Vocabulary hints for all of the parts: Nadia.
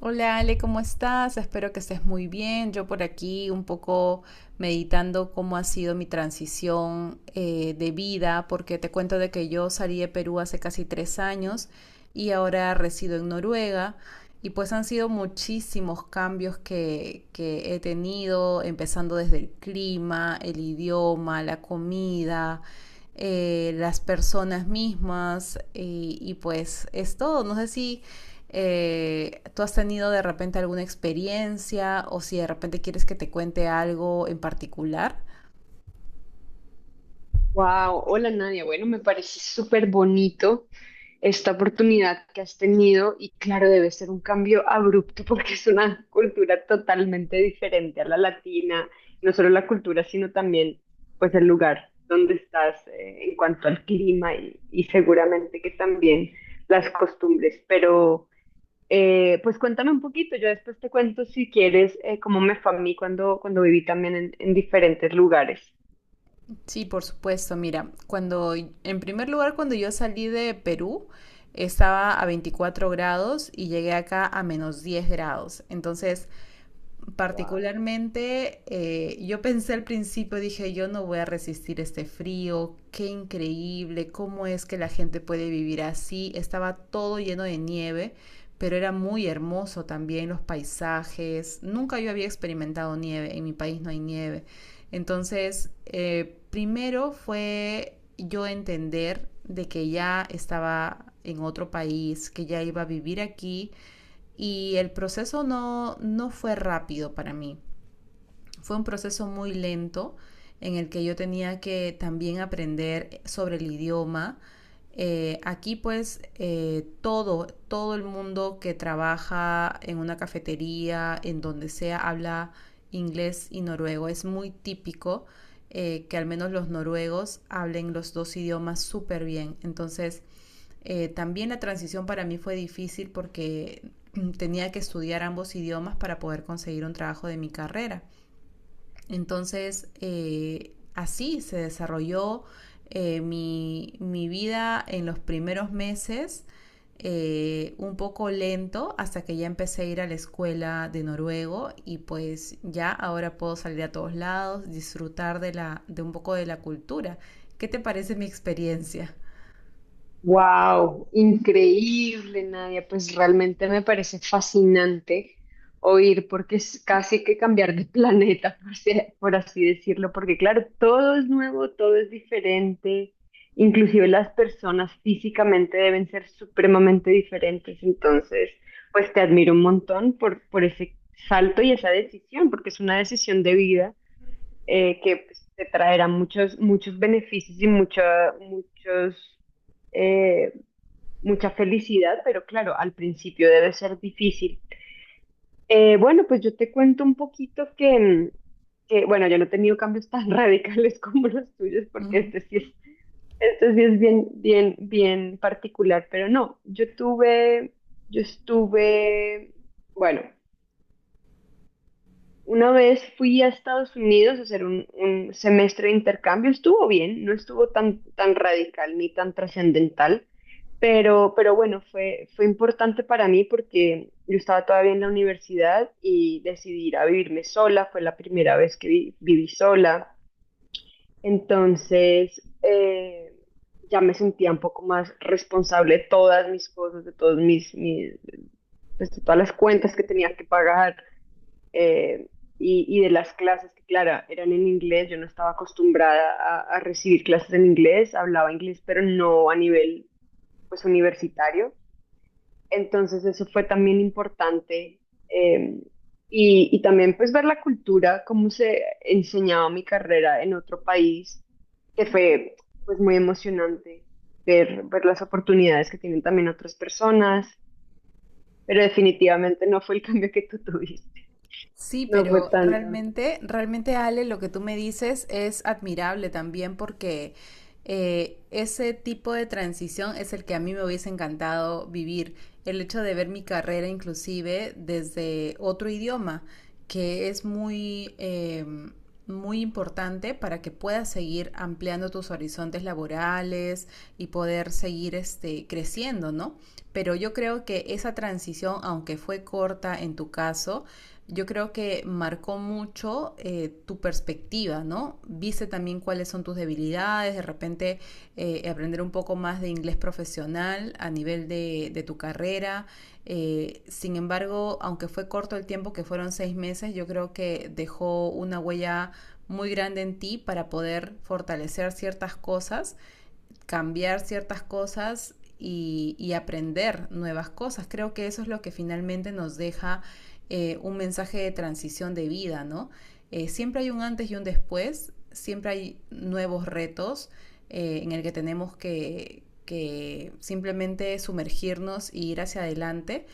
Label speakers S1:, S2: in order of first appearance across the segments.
S1: Hola Ale, ¿cómo estás? Espero que estés muy bien. Yo por aquí un poco meditando cómo ha sido mi transición, de vida, porque te cuento de que yo salí de Perú hace casi 3 años y ahora resido en Noruega. Y pues han sido muchísimos cambios que he tenido, empezando desde el clima, el idioma, la comida, las personas mismas, y pues es todo. No sé si ¿tú has tenido de repente alguna experiencia o si de repente quieres que te cuente algo en particular?
S2: Wow, hola Nadia. Bueno, me parece súper bonito esta oportunidad que has tenido y claro, debe ser un cambio abrupto porque es una cultura totalmente diferente a la latina, no solo la cultura, sino también pues el lugar donde estás, en cuanto al clima y seguramente que también las costumbres. Pero pues cuéntame un poquito, yo después te cuento si quieres, cómo me fue a mí cuando viví también en diferentes lugares.
S1: Sí, por supuesto. Mira, cuando, en primer lugar, cuando yo salí de Perú, estaba a 24 grados y llegué acá a menos 10 grados. Entonces, particularmente, yo pensé al principio, dije, yo no voy a resistir este frío, qué increíble, cómo es que la gente puede vivir así. Estaba todo lleno de nieve, pero era muy hermoso también los paisajes. Nunca yo había experimentado nieve, en mi país no hay nieve. Entonces, primero fue yo entender de que ya estaba en otro país, que ya iba a vivir aquí y el proceso no fue rápido para mí. Fue un proceso muy lento en el que yo tenía que también aprender sobre el idioma. Aquí pues todo el mundo que trabaja en una cafetería, en donde sea, habla inglés y noruego. Es muy típico que al menos los noruegos hablen los dos idiomas súper bien. Entonces también la transición para mí fue difícil porque tenía que estudiar ambos idiomas para poder conseguir un trabajo de mi carrera. Entonces, así se desarrolló, mi vida en los primeros meses, un poco lento, hasta que ya empecé a ir a la escuela de noruego y pues ya ahora puedo salir a todos lados, disfrutar de un poco de la cultura. ¿Qué te parece mi experiencia?
S2: Wow, increíble, Nadia. Pues realmente me parece fascinante oír, porque es casi que cambiar de planeta, por así decirlo, porque claro, todo es nuevo, todo es diferente, inclusive las personas físicamente deben ser supremamente diferentes. Entonces, pues te admiro un montón por ese salto y esa decisión, porque es una decisión de vida, que pues, te traerá muchos, muchos beneficios y eh, mucha felicidad, pero claro, al principio debe ser difícil. Bueno, pues yo te cuento un poquito que, bueno, yo no he tenido cambios tan radicales como los tuyos, porque
S1: Ujú.
S2: este sí es bien, bien, bien particular, pero no, yo tuve, yo estuve, bueno, Una vez fui a Estados Unidos a hacer un semestre de intercambio. Estuvo bien, no estuvo tan radical ni tan trascendental, pero bueno, fue importante para mí porque yo estaba todavía en la universidad y decidí ir a vivirme sola. Fue la primera vez que viví sola. Entonces, ya me sentía un poco más responsable de todas mis cosas, de todos mis, de todas las cuentas que tenía que pagar, eh, y de las clases que, claro, eran en inglés. Yo no estaba acostumbrada a recibir clases en inglés, hablaba inglés, pero no a nivel, pues, universitario. Entonces eso fue también importante. eh, y, y también pues ver la cultura, cómo se enseñaba mi carrera en otro país, que fue pues muy emocionante ver, ver las oportunidades que tienen también otras personas, pero definitivamente no fue el cambio que tú tuviste,
S1: Sí,
S2: no fue
S1: pero
S2: tan.
S1: realmente, realmente Ale, lo que tú me dices es admirable también, porque ese tipo de transición es el que a mí me hubiese encantado vivir. El hecho de ver mi carrera inclusive desde otro idioma, que es muy importante para que puedas seguir ampliando tus horizontes laborales y poder seguir creciendo, ¿no? Pero yo creo que esa transición, aunque fue corta en tu caso, yo creo que marcó mucho, tu perspectiva, ¿no? Viste también cuáles son tus debilidades, de repente, aprender un poco más de inglés profesional a nivel de tu carrera. Sin embargo, aunque fue corto el tiempo, que fueron 6 meses, yo creo que dejó una huella muy grande en ti para poder fortalecer ciertas cosas, cambiar ciertas cosas y, aprender nuevas cosas. Creo que eso es lo que finalmente nos deja, un mensaje de transición de vida, ¿no? Siempre hay un antes y un después, siempre hay nuevos retos, en el que tenemos que simplemente sumergirnos y ir hacia adelante,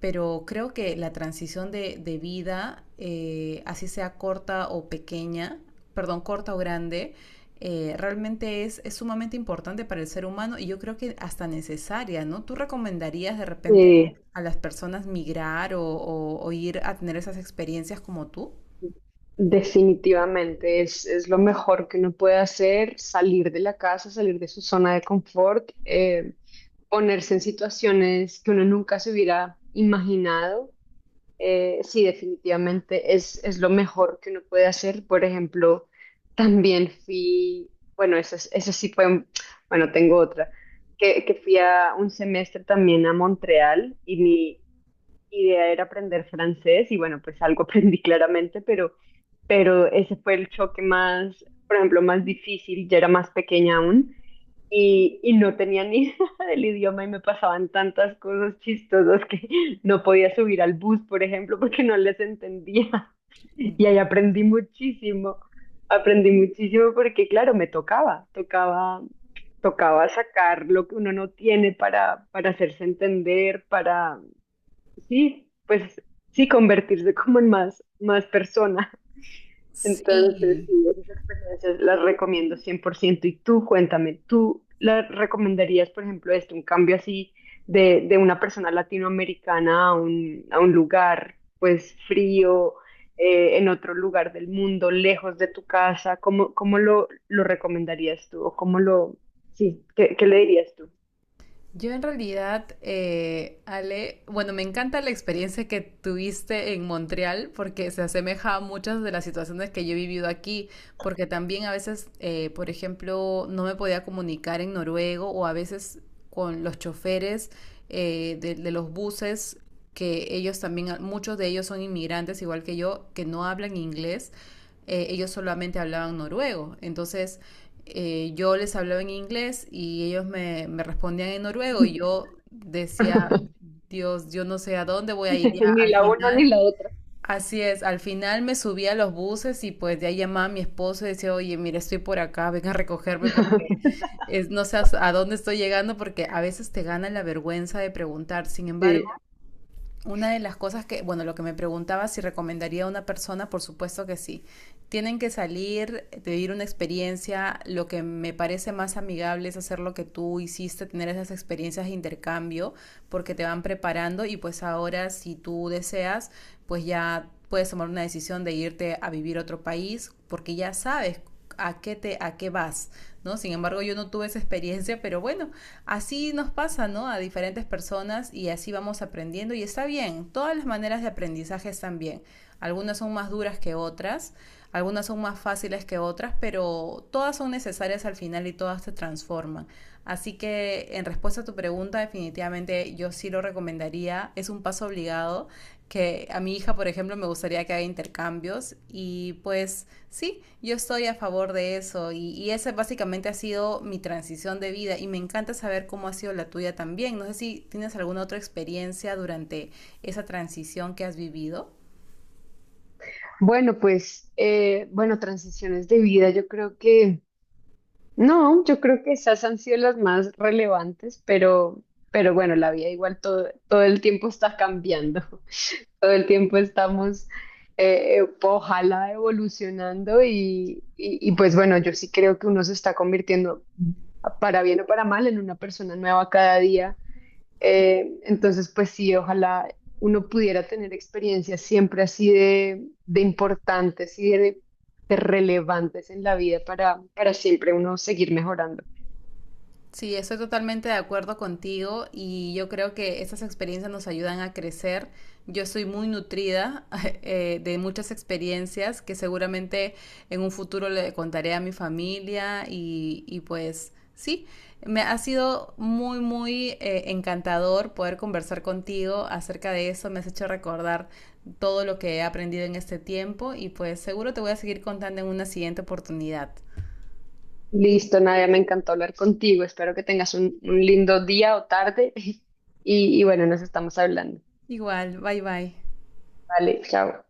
S1: pero creo que la transición de vida, así sea corta o pequeña, perdón, corta o grande, realmente es sumamente importante para el ser humano y yo creo que hasta necesaria, ¿no? ¿Tú recomendarías de repente
S2: Sí,
S1: a las personas migrar o ir a tener esas experiencias como tú?
S2: definitivamente es lo mejor que uno puede hacer, salir de la casa, salir de su zona de confort. Ponerse en situaciones que uno nunca se hubiera imaginado. Sí, definitivamente es lo mejor que uno puede hacer. Por ejemplo, también fui, bueno, eso, es- eso sí fue, un- bueno, tengo otra, que fui a un semestre también a Montreal, y mi idea era aprender francés y bueno, pues algo aprendí claramente, pero ese fue el choque más, por ejemplo, más difícil. Yo era más pequeña aún y no tenía ni idea del idioma, y me pasaban tantas cosas chistosas que no podía subir al bus, por ejemplo, porque no les entendía. Y ahí
S1: Ujú.
S2: aprendí muchísimo. Aprendí muchísimo porque, claro, me tocaba, tocaba sacar lo que uno no tiene para hacerse entender, para, sí, pues sí, convertirse como en más, más persona. Entonces,
S1: Sí,
S2: sí, esas experiencias las recomiendo cien por ciento. Y tú, cuéntame, ¿tú la recomendarías, por ejemplo, esto, un cambio así de una persona latinoamericana a un lugar, pues, frío, en otro lugar del mundo, lejos de tu casa? ¿Cómo, cómo lo recomendarías tú? ¿O cómo lo, sí, qué, qué le dirías tú?
S1: yo en realidad, Ale, bueno, me encanta la experiencia que tuviste en Montreal porque se asemeja a muchas de las situaciones que yo he vivido aquí, porque también a veces, por ejemplo, no me podía comunicar en noruego o a veces con los choferes, de los buses, que ellos también, muchos de ellos son inmigrantes, igual que yo, que no hablan inglés, ellos solamente hablaban noruego. Entonces, yo les hablaba en inglés y ellos me respondían en noruego y yo decía, Dios, yo no sé a dónde voy a ir ya
S2: Ni
S1: al
S2: la una ni
S1: final.
S2: la otra.
S1: Así es, al final me subí a los buses y pues de ahí llamaba a mi esposo y decía, oye, mira, estoy por acá, ven a recogerme porque no sé a dónde estoy llegando porque a veces te gana la vergüenza de preguntar. Sin embargo,
S2: Sí.
S1: una de las cosas que, bueno, lo que me preguntaba si recomendaría a una persona, por supuesto que sí, tienen que salir, vivir una experiencia. Lo que me parece más amigable es hacer lo que tú hiciste, tener esas experiencias de intercambio, porque te van preparando y pues ahora, si tú deseas, pues ya puedes tomar una decisión de irte a vivir a otro país, porque ya sabes a qué vas, ¿no? Sin embargo, yo no tuve esa experiencia, pero bueno, así nos pasa, ¿no? A diferentes personas, y así vamos aprendiendo y está bien. Todas las maneras de aprendizaje están bien. Algunas son más duras que otras, algunas son más fáciles que otras, pero todas son necesarias al final y todas te transforman. Así que, en respuesta a tu pregunta, definitivamente yo sí lo recomendaría. Es un paso obligado que a mi hija, por ejemplo, me gustaría que haga intercambios, y pues sí, yo estoy a favor de eso, y, esa básicamente ha sido mi transición de vida y me encanta saber cómo ha sido la tuya también. No sé si tienes alguna otra experiencia durante esa transición que has vivido.
S2: Bueno, pues, bueno, transiciones de vida, yo creo que... No, yo creo que esas han sido las más relevantes, pero bueno, la vida igual todo, todo el tiempo está cambiando, todo el tiempo estamos, ojalá evolucionando y pues bueno, yo sí creo que uno se está convirtiendo, para bien o para mal, en una persona nueva cada día. Entonces, pues sí, ojalá uno pudiera tener experiencias siempre así de importantes y de relevantes en la vida para siempre uno seguir mejorando.
S1: Sí, estoy totalmente de acuerdo contigo y yo creo que estas experiencias nos ayudan a crecer. Yo soy muy nutrida de muchas experiencias que seguramente en un futuro le contaré a mi familia, y pues sí, me ha sido muy, muy, encantador poder conversar contigo acerca de eso. Me has hecho recordar todo lo que he aprendido en este tiempo y pues seguro te voy a seguir contando en una siguiente oportunidad.
S2: Listo, Nadia, me encantó hablar contigo. Espero que tengas un lindo día o tarde y bueno, nos estamos hablando.
S1: Igual, bye bye.
S2: Vale, chao.